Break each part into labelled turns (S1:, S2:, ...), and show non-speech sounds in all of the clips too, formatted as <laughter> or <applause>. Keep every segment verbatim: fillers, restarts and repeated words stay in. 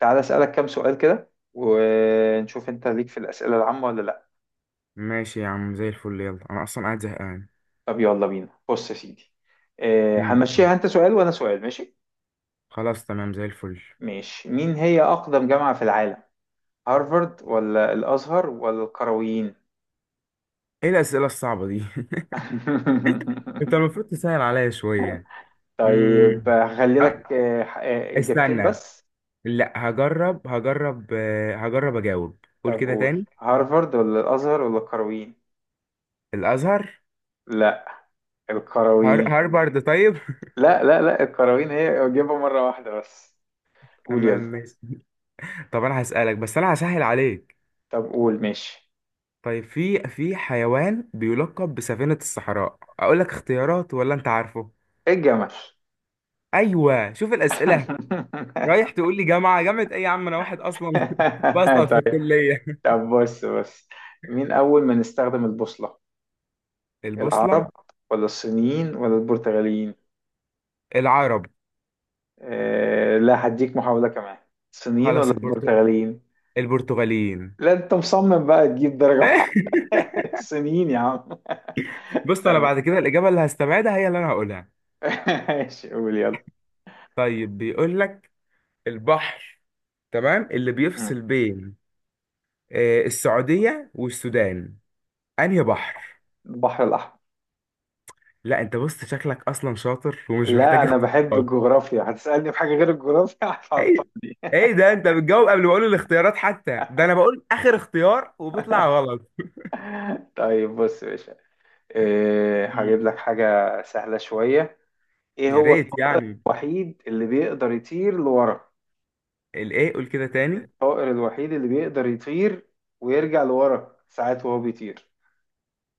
S1: تعالى أسألك كام سؤال كده، ونشوف أنت ليك في الأسئلة العامة ولا لأ؟
S2: ماشي يا عم، زي الفل. يلا انا اصلا قاعد زهقان.
S1: طب يلا بينا. بص يا سيدي. آه،
S2: مم.
S1: هنمشيها أنت سؤال وأنا سؤال، ماشي؟
S2: خلاص تمام زي الفل.
S1: ماشي. مين هي أقدم جامعة في العالم؟ هارفارد ولا الأزهر ولا القرويين؟
S2: ايه الاسئله الصعبه دي؟ <laughs> انت
S1: <laughs>
S2: المفروض تسهل عليا شويه.
S1: طيب
S2: امم
S1: هخلي لك آه، آه، إجابتين
S2: استنى.
S1: بس.
S2: لا هجرب، هجرب آه، هجرب اجاوب. قول
S1: طب
S2: كده
S1: قول،
S2: تاني.
S1: هارفارد ولا الأزهر ولا القرويين؟
S2: الازهر.
S1: لا
S2: هار...
S1: القرويين.
S2: هارفارد طيب.
S1: لا لا لا، القرويين هي، أجيبها مرة واحدة بس.
S2: <laughs>
S1: قول
S2: تمام
S1: يلا.
S2: ماشي. طب انا هسالك، بس انا هسهل عليك.
S1: طب قول. ماشي.
S2: طيب في في حيوان بيلقب بسفينه الصحراء. اقول لك اختيارات ولا انت عارفه؟
S1: إيه الجمل.
S2: ايوه، شوف الاسئله. رايح
S1: <laughs>
S2: تقول لي جامعة جامعة ايه يا عم، انا واحد اصلا <laughs> بسقط في
S1: طيب.
S2: الكلية.
S1: طب بص بص. مين أول من استخدم البوصلة؟
S2: البوصلة.
S1: العرب ولا الصينيين ولا البرتغاليين؟
S2: العرب.
S1: آه لا، هديك محاولة كمان. الصينيين
S2: خلاص
S1: ولا
S2: البرتغ...
S1: البرتغاليين؟
S2: البرتغاليين.
S1: لا أنت مصمم بقى تجيب درجة واحدة.
S2: <laughs>
S1: <laughs> الصينيين يا عم. <laughs>
S2: بص، انا
S1: طب.
S2: بعد كده الاجابة اللي هستبعدها هي اللي انا هقولها.
S1: <laughs> ماشي قول يلا.
S2: طيب بيقول لك، البحر تمام اللي
S1: مم.
S2: بيفصل بين، آه، السعودية والسودان، انهي بحر؟
S1: البحر الأحمر.
S2: لا انت بص، شكلك اصلا شاطر ومش
S1: لا
S2: محتاج
S1: أنا بحب
S2: اختيارات.
S1: الجغرافيا، هتسألني في حاجة غير الجغرافيا
S2: ايه؟
S1: هتعطلني.
S2: ايه ده، انت بتجاوب قبل ما اقول الاختيارات حتى، ده انا بقول اخر اختيار وبيطلع غلط.
S1: <laughs> طيب بص يا باشا. إيه، هجيب
S2: مم.
S1: لك حاجة سهلة شوية. ايه
S2: يا
S1: هو
S2: ريت
S1: الطائر
S2: يعني.
S1: الوحيد اللي بيقدر يطير لورا؟
S2: الايه، قول كده تاني.
S1: الطائر الوحيد اللي بيقدر يطير ويرجع لورا ساعات وهو بيطير.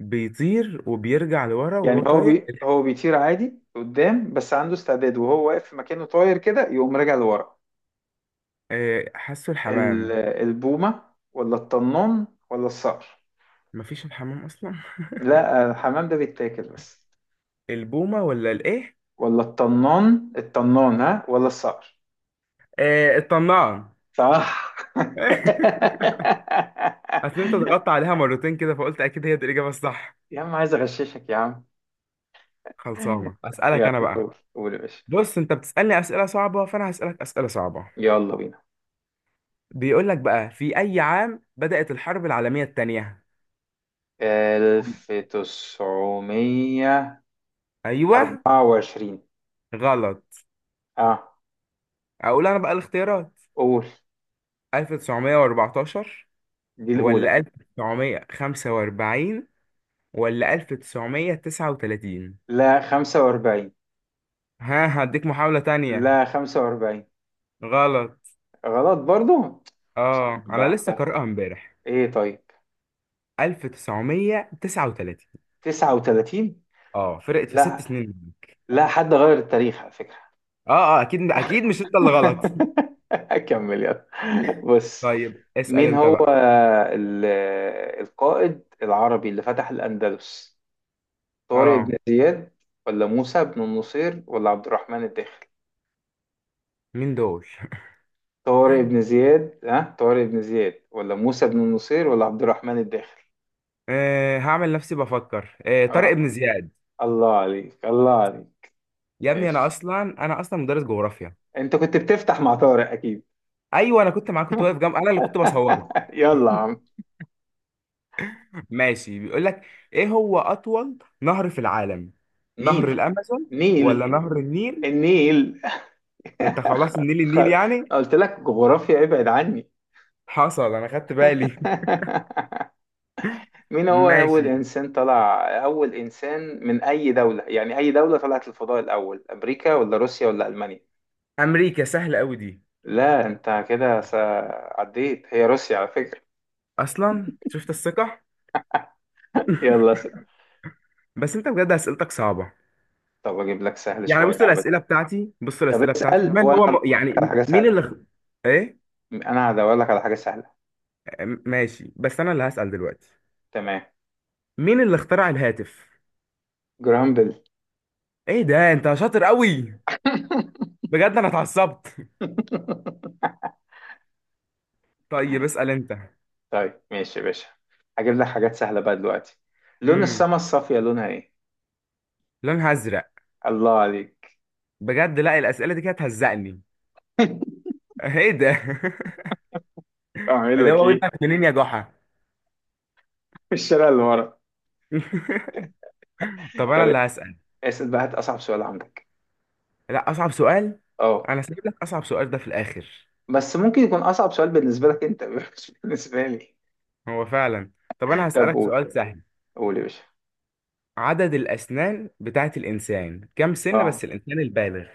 S2: بيطير وبيرجع لورا وهو
S1: يعني هو
S2: طاير
S1: بي...
S2: الح-
S1: هو بيطير عادي قدام، بس عنده استعداد وهو واقف في مكانه طاير كده يقوم راجع لورا.
S2: آه، حاسه الحمام.
S1: ال... البومة ولا الطنان ولا الصقر؟
S2: مفيش الحمام اصلا.
S1: لا الحمام ده بيتاكل بس.
S2: البومه ولا الايه؟
S1: ولا الطنان، الطنان ها، ولا الصقر؟
S2: آه، الطنان.
S1: صح.
S2: <laughs> اصل انت ضغطت
S1: <laughs>
S2: عليها مرتين كده فقلت اكيد هي دي الاجابه الصح.
S1: يا عم عايز اغششك يا عم. <laughs>
S2: خلصانه، اسالك
S1: يلا
S2: انا بقى.
S1: قول يا باشا.
S2: بص، انت بتسالني اسئله صعبه، فانا هسالك اسئله صعبه.
S1: يلا بينا.
S2: بيقول لك بقى، في اي عام بدات الحرب العالميه الثانيه؟
S1: ألف وتسعميه وأربعه وعشرين.
S2: ايوه، غلط.
S1: اه
S2: اقول انا بقى الاختيارات.
S1: قول،
S2: ألف وتسعمائة وأربعة عشر
S1: دي الأولى.
S2: ولا ألف وتسعمائة وخمسة وأربعون ولا ألف وتسعمية وتسعة وتلاتين؟
S1: لا خمسة وأربعين.
S2: ها، هديك محاولة تانية.
S1: لا خمسة وأربعين.
S2: غلط.
S1: غلط برضو. صعب
S2: اه انا
S1: بقى
S2: لسه
S1: ده.
S2: قارئها امبارح.
S1: ايه طيب.
S2: ألف وتسعمائة وتسعة وثلاثون.
S1: تسعة وثلاثين.
S2: اه فرقت في ست
S1: لا
S2: سنين منك.
S1: لا، حد غير التاريخ على فكرة.
S2: اه اه، اكيد اكيد مش
S1: <laughs>
S2: انت اللي غلط.
S1: اكمل يلا.
S2: <laughs>
S1: بص،
S2: طيب اسأل
S1: مين
S2: انت
S1: هو
S2: بقى.
S1: ال- القائد العربي اللي فتح الأندلس؟ طارق
S2: اه.
S1: بن زياد ولا موسى بن النصير ولا عبد الرحمن الداخل؟
S2: مين دول؟ <laughs>
S1: طارق بن زياد، ها، طارق بن زياد ولا موسى بن النصير ولا عبد الرحمن الداخل؟
S2: آه هعمل نفسي بفكر. آه طارق
S1: اه،
S2: بن زياد.
S1: الله عليك الله عليك.
S2: يا ابني انا
S1: ماشي.
S2: اصلا انا اصلا مدرس جغرافيا.
S1: انت كنت بتفتح مع طارق اكيد.
S2: ايوه انا كنت معاك، كنت واقف جنب،
S1: <laughs>
S2: انا اللي كنت بصورك.
S1: يلا يا عم.
S2: ماشي، بيقول لك، ايه هو اطول نهر في العالم؟ نهر
S1: نيل.
S2: الامازون ولا
S1: نيل.
S2: نهر النيل؟
S1: النيل.
S2: ده انت خلاص، النيل
S1: خ...
S2: النيل يعني.
S1: قلت لك جغرافيا ابعد عني.
S2: حصل، انا خدت بالي. <laughs>
S1: <laughs> مين هو
S2: ماشي.
S1: أول إنسان طلع أول إنسان من أي دولة، يعني أي دولة طلعت الفضاء الأول، أمريكا ولا روسيا ولا ألمانيا؟
S2: امريكا، سهله قوي دي.
S1: لا أنت كده س- عديت، هي روسيا على فكرة.
S2: اصلا شفت الثقه.
S1: <laughs> يلا س...
S2: بس انت بجد اسئلتك صعبه.
S1: طب أجيب لك سهل
S2: يعني
S1: شوية
S2: بص
S1: عبد.
S2: الاسئله بتاعتي بص
S1: طب
S2: الاسئله بتاعتي
S1: اسأل
S2: من
S1: وأنا
S2: هو
S1: هدور
S2: م...
S1: لك على
S2: يعني
S1: حاجة
S2: مين
S1: سهلة.
S2: اللي خ... ايه؟
S1: أنا هدور لك على حاجة سهلة.
S2: م- ماشي، بس انا اللي هسال دلوقتي.
S1: تمام.
S2: مين اللي اخترع الهاتف؟
S1: جرامبل.
S2: ايه ده، انت شاطر قوي. بجد انا اتعصبت.
S1: <laughs>
S2: <laughs> طيب اسال انت.
S1: طيب ماشي يا باشا. هجيب لك حاجات سهلة بقى دلوقتي. لون السما الصافية لونها ايه؟
S2: لونها ازرق.
S1: الله عليك.
S2: بجد، لا الاسئله دي كانت هتهزقني.
S1: <laughs>
S2: ايه ده؟ <laughs>
S1: اعمل
S2: اللي
S1: لك
S2: هو
S1: ايه؟
S2: ودنك منين يا جحا؟
S1: في الشارع اللي ورا.
S2: <laughs> طب انا
S1: طب
S2: اللي هسال.
S1: اسأل بقى، هات أصعب سؤال عندك.
S2: لا اصعب سؤال،
S1: اه.
S2: انا سايب لك اصعب سؤال ده في الاخر.
S1: بس ممكن يكون أصعب سؤال بالنسبة لك أنت <laughs> مش بالنسبة لي.
S2: هو فعلا. طب انا
S1: طب
S2: هسالك
S1: قول.
S2: سؤال سهل.
S1: قول يا باشا.
S2: عدد الاسنان بتاعت الانسان، كام سن؟
S1: اه
S2: بس الانسان البالغ.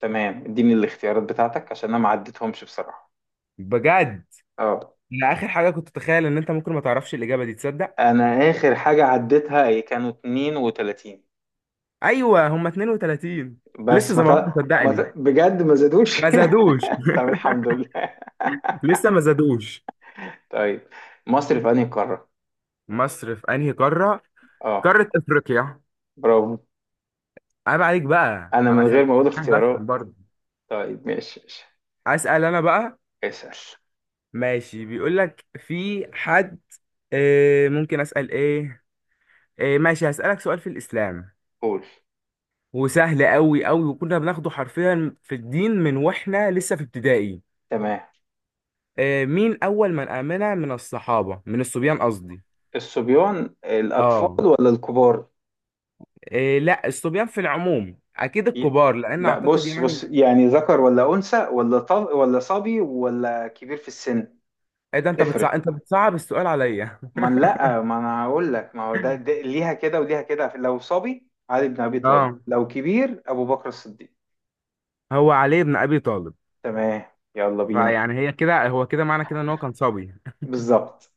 S1: تمام، اديني الاختيارات بتاعتك عشان أنا ما عديتهمش بصراحة.
S2: بجد،
S1: اه.
S2: انا اخر حاجه كنت اتخيل ان انت ممكن ما تعرفش الاجابه دي، تصدق؟
S1: أنا آخر حاجة عديتها هي كانوا اتنين وتلاتين.
S2: ايوه، هم اثنين وثلاثون. لسه
S1: بس
S2: زي
S1: ما ت...
S2: ما هم،
S1: ما
S2: صدقني.
S1: ت... بجد ما زادوش.
S2: ما
S1: <laughs>
S2: زادوش.
S1: طب الحمد لله. <laughs>
S2: <laughs> لسه ما زادوش.
S1: طيب. مصر في أنهي قارة؟
S2: مصر في انهي قاره؟
S1: اه
S2: قارة افريقيا.
S1: برافو.
S2: عيب عليك بقى،
S1: أنا
S2: انا
S1: من غير
S2: خليك
S1: ما أقول
S2: يعني بفهم
S1: اختيارات.
S2: برضه.
S1: طيب ماشي ماشي.
S2: اسال انا بقى.
S1: اسأل.
S2: ماشي بيقول لك، في حد، آه ممكن اسال ايه، آه ماشي هسالك سؤال في الاسلام،
S1: قول.
S2: وسهل قوي قوي، وكنا بناخده حرفيا في الدين من واحنا لسه في ابتدائي.
S1: تمام.
S2: آه مين اول من امن من الصحابة، من الصبيان قصدي؟
S1: الصبيان الأطفال
S2: اه.
S1: ولا الكبار؟
S2: آه، لا الصبيان في العموم، اكيد
S1: ي-
S2: الكبار، لان
S1: لا
S2: اعتقد
S1: بص
S2: يعني.
S1: بص، يعني ذكر ولا أنثى ولا طب ولا صبي ولا كبير في السن؟
S2: ايه ده، انت
S1: تفرق.
S2: بتصعب انت بتصعب السؤال عليا.
S1: ما أنا- لا ما أنا هقول لك، ما هو ده, ده, ليها كده وليها كده، لو صبي علي بن أبي
S2: <laughs>
S1: طالب،
S2: اه.
S1: لو كبير أبو بكر الصديق.
S2: هو علي بن ابي طالب.
S1: تمام. يلا بينا.
S2: فيعني هي كده، هو كده، معنى كده ان هو كان صبي.
S1: بالظبط.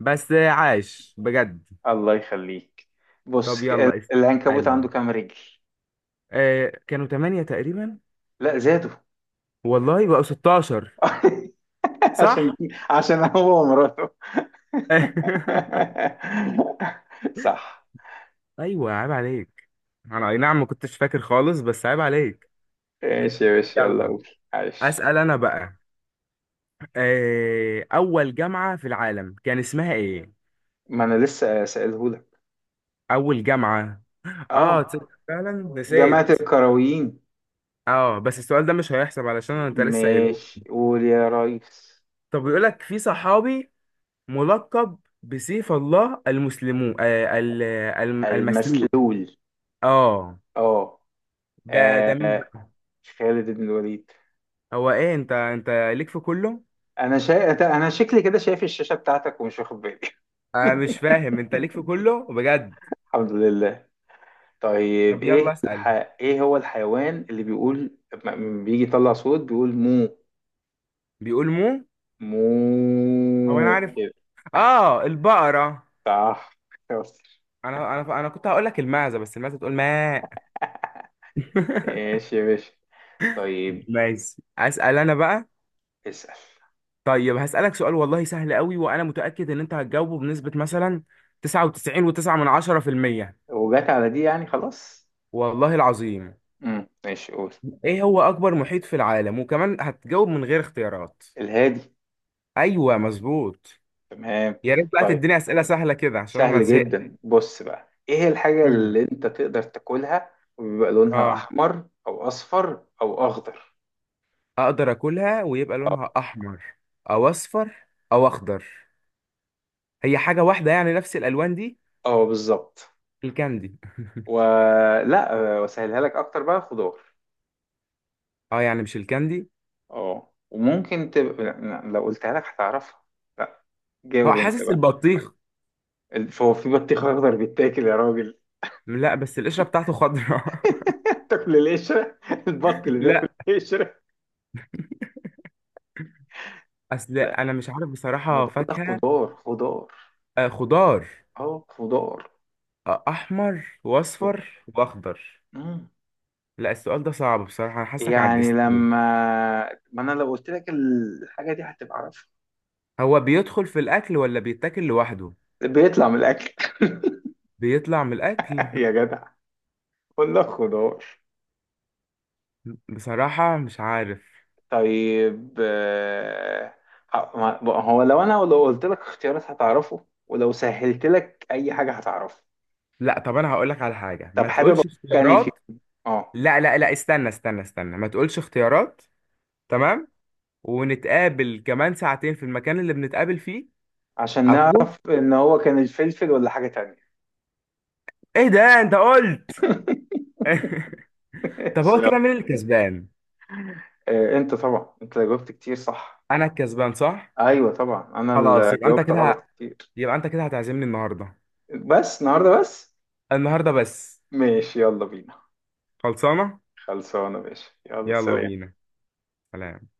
S2: بس عاش بجد.
S1: الله يخليك.
S2: طب
S1: بص ال-
S2: يلا
S1: العنكبوت
S2: اسألني.
S1: عنده كام رجل؟
S2: آه كانوا ثمانية تقريبا.
S1: لا زادوا.
S2: والله بقوا ستاشر.
S1: <laughs> عشان
S2: صح.
S1: عشان هو ومراته.
S2: <laughs>
S1: <laughs> صح.
S2: ايوه عيب عليك. انا اي نعم ما كنتش فاكر خالص، بس عيب عليك.
S1: ماشي يا باشا، يلا
S2: يلا
S1: قول. عايش.
S2: اسأل انا بقى. آه اول جامعة في العالم، كان اسمها ايه؟
S1: ما انا لسه سألهولك.
S2: اول جامعة. اه تصدق
S1: اه
S2: فعلا
S1: جماعة
S2: نسيت.
S1: الكرويين.
S2: اه بس السؤال ده مش هيحسب علشان انت لسه قايله.
S1: ماشي قول يا ريس.
S2: طب بيقول لك، في صحابي ملقب بسيف الله المسلمون، آه، ال- الم- المسلول.
S1: المسلول.
S2: اه.
S1: اه،
S2: ده ده مين
S1: آه،
S2: بقى؟
S1: خالد بن الوليد.
S2: هو ايه، انت انت ليك في كله.
S1: انا شا... انا شكلي كده شايف الشاشة بتاعتك ومش واخد بالي.
S2: انا مش
S1: <laughs>
S2: فاهم انت ليك في كله بجد.
S1: الحمد لله. طيب
S2: طب
S1: ايه
S2: يلا اسأل.
S1: الح... ايه هو الحيوان اللي بيقول لما بيجي يطلع صوت بيقول مو؟
S2: بيقول مو. هو انا
S1: مو
S2: عارف.
S1: كده.
S2: اه البقرة.
S1: صح. <laughs> شاطر.
S2: انا انا انا كنت هقول لك المعزة، بس المعزة تقول ماء. <laughs>
S1: ماشي يا باشا. طيب.
S2: ماشي اسأل انا بقى.
S1: اسأل.
S2: طيب هسألك سؤال والله سهل قوي، وانا متأكد ان انت هتجاوبه بنسبة مثلا تسعة وتسعين فاصلة تسعة من عشرة في المية.
S1: وجات على دي يعني خلاص.
S2: والله العظيم.
S1: امم ماشي قول.
S2: ايه هو اكبر محيط في العالم؟ وكمان هتجاوب من غير اختيارات.
S1: الهادي.
S2: ايوه مظبوط.
S1: تمام.
S2: يا ريت بقى
S1: طيب
S2: تديني اسئله سهله كده عشان انا
S1: سهل
S2: زهقت.
S1: جدا. بص بقى، ايه الحاجة
S2: امم
S1: اللي انت تقدر تاكلها وبيبقى لونها
S2: اه.
S1: احمر او اصفر او اخضر؟
S2: اقدر اكلها ويبقى لونها احمر او اصفر او اخضر. هي حاجه واحده يعني، نفس الالوان دي.
S1: اه بالظبط.
S2: الكاندي.
S1: ولا وسهلها لك اكتر بقى، خضار.
S2: اه يعني مش الكاندي.
S1: اه وممكن تبقى، لا، لو قلتها لك هتعرفها. لا،
S2: هو
S1: جاوب انت
S2: حاسس
S1: بقى.
S2: البطيخ.
S1: الف- هو في بطيخ اخضر بيتاكل يا راجل؟
S2: لا بس القشره بتاعته خضراء.
S1: <laughs> تاكل القشره؟ البط
S2: <laughs>
S1: اللي بياكل
S2: لا،
S1: القشره.
S2: اصل
S1: لا،
S2: انا مش عارف
S1: ما
S2: بصراحه،
S1: بقول لك
S2: فاكهه.
S1: خضار خضار.
S2: آه خضار.
S1: اه خضار.
S2: آه احمر واصفر
S1: خض-
S2: واخضر.
S1: مم.
S2: لا السؤال ده صعب بصراحة، أنا حاسك
S1: يعني
S2: عجزتني.
S1: لما ما انا لو قلت لك الحاجه دي هتبقى عارفها.
S2: هو بيدخل في الأكل ولا بيتاكل لوحده؟
S1: بيطلع من الاكل. <laughs>
S2: بيطلع من الأكل.
S1: يا جدع. قول لك خضار.
S2: <laughs> بصراحة مش عارف.
S1: طيب آه، ه- ما- بقى هو لو انا لو قلت لك اختيارات هتعرفه، ولو سهلت لك اي حاجه هتعرفه.
S2: لا طب أنا هقولك على حاجة،
S1: طب
S2: ما
S1: حابب اقول
S2: تقولش
S1: لك يعني في
S2: اختيارات.
S1: اه.
S2: لا لا لا، استنى استنى استنى، ما تقولش اختيارات. تمام. ونتقابل كمان ساعتين في المكان اللي بنتقابل فيه.
S1: عشان
S2: أكون.
S1: نعرف ان هو كان الفلفل ولا حاجه تانية.
S2: إيه ده أنت قلت.
S1: <laughs>
S2: <laughs> طب
S1: ماشي،
S2: هو
S1: يلا.
S2: كده مين الكسبان؟
S1: آه، انت طبعا انت جاوبت كتير صح.
S2: أنا الكسبان صح؟
S1: ايوه طبعا، انا
S2: خلاص
S1: اللي
S2: يبقى أنت
S1: جاوبت
S2: كده ه-
S1: غلط كتير.
S2: يبقى أنت كده هتعزمني النهاردة.
S1: بس النهارده بس.
S2: النهاردة بس.
S1: ماشي يلا بينا.
S2: خلصانة؟
S1: خلصانه ماشي، يلا
S2: يلا
S1: سلام.
S2: بينا. سلام.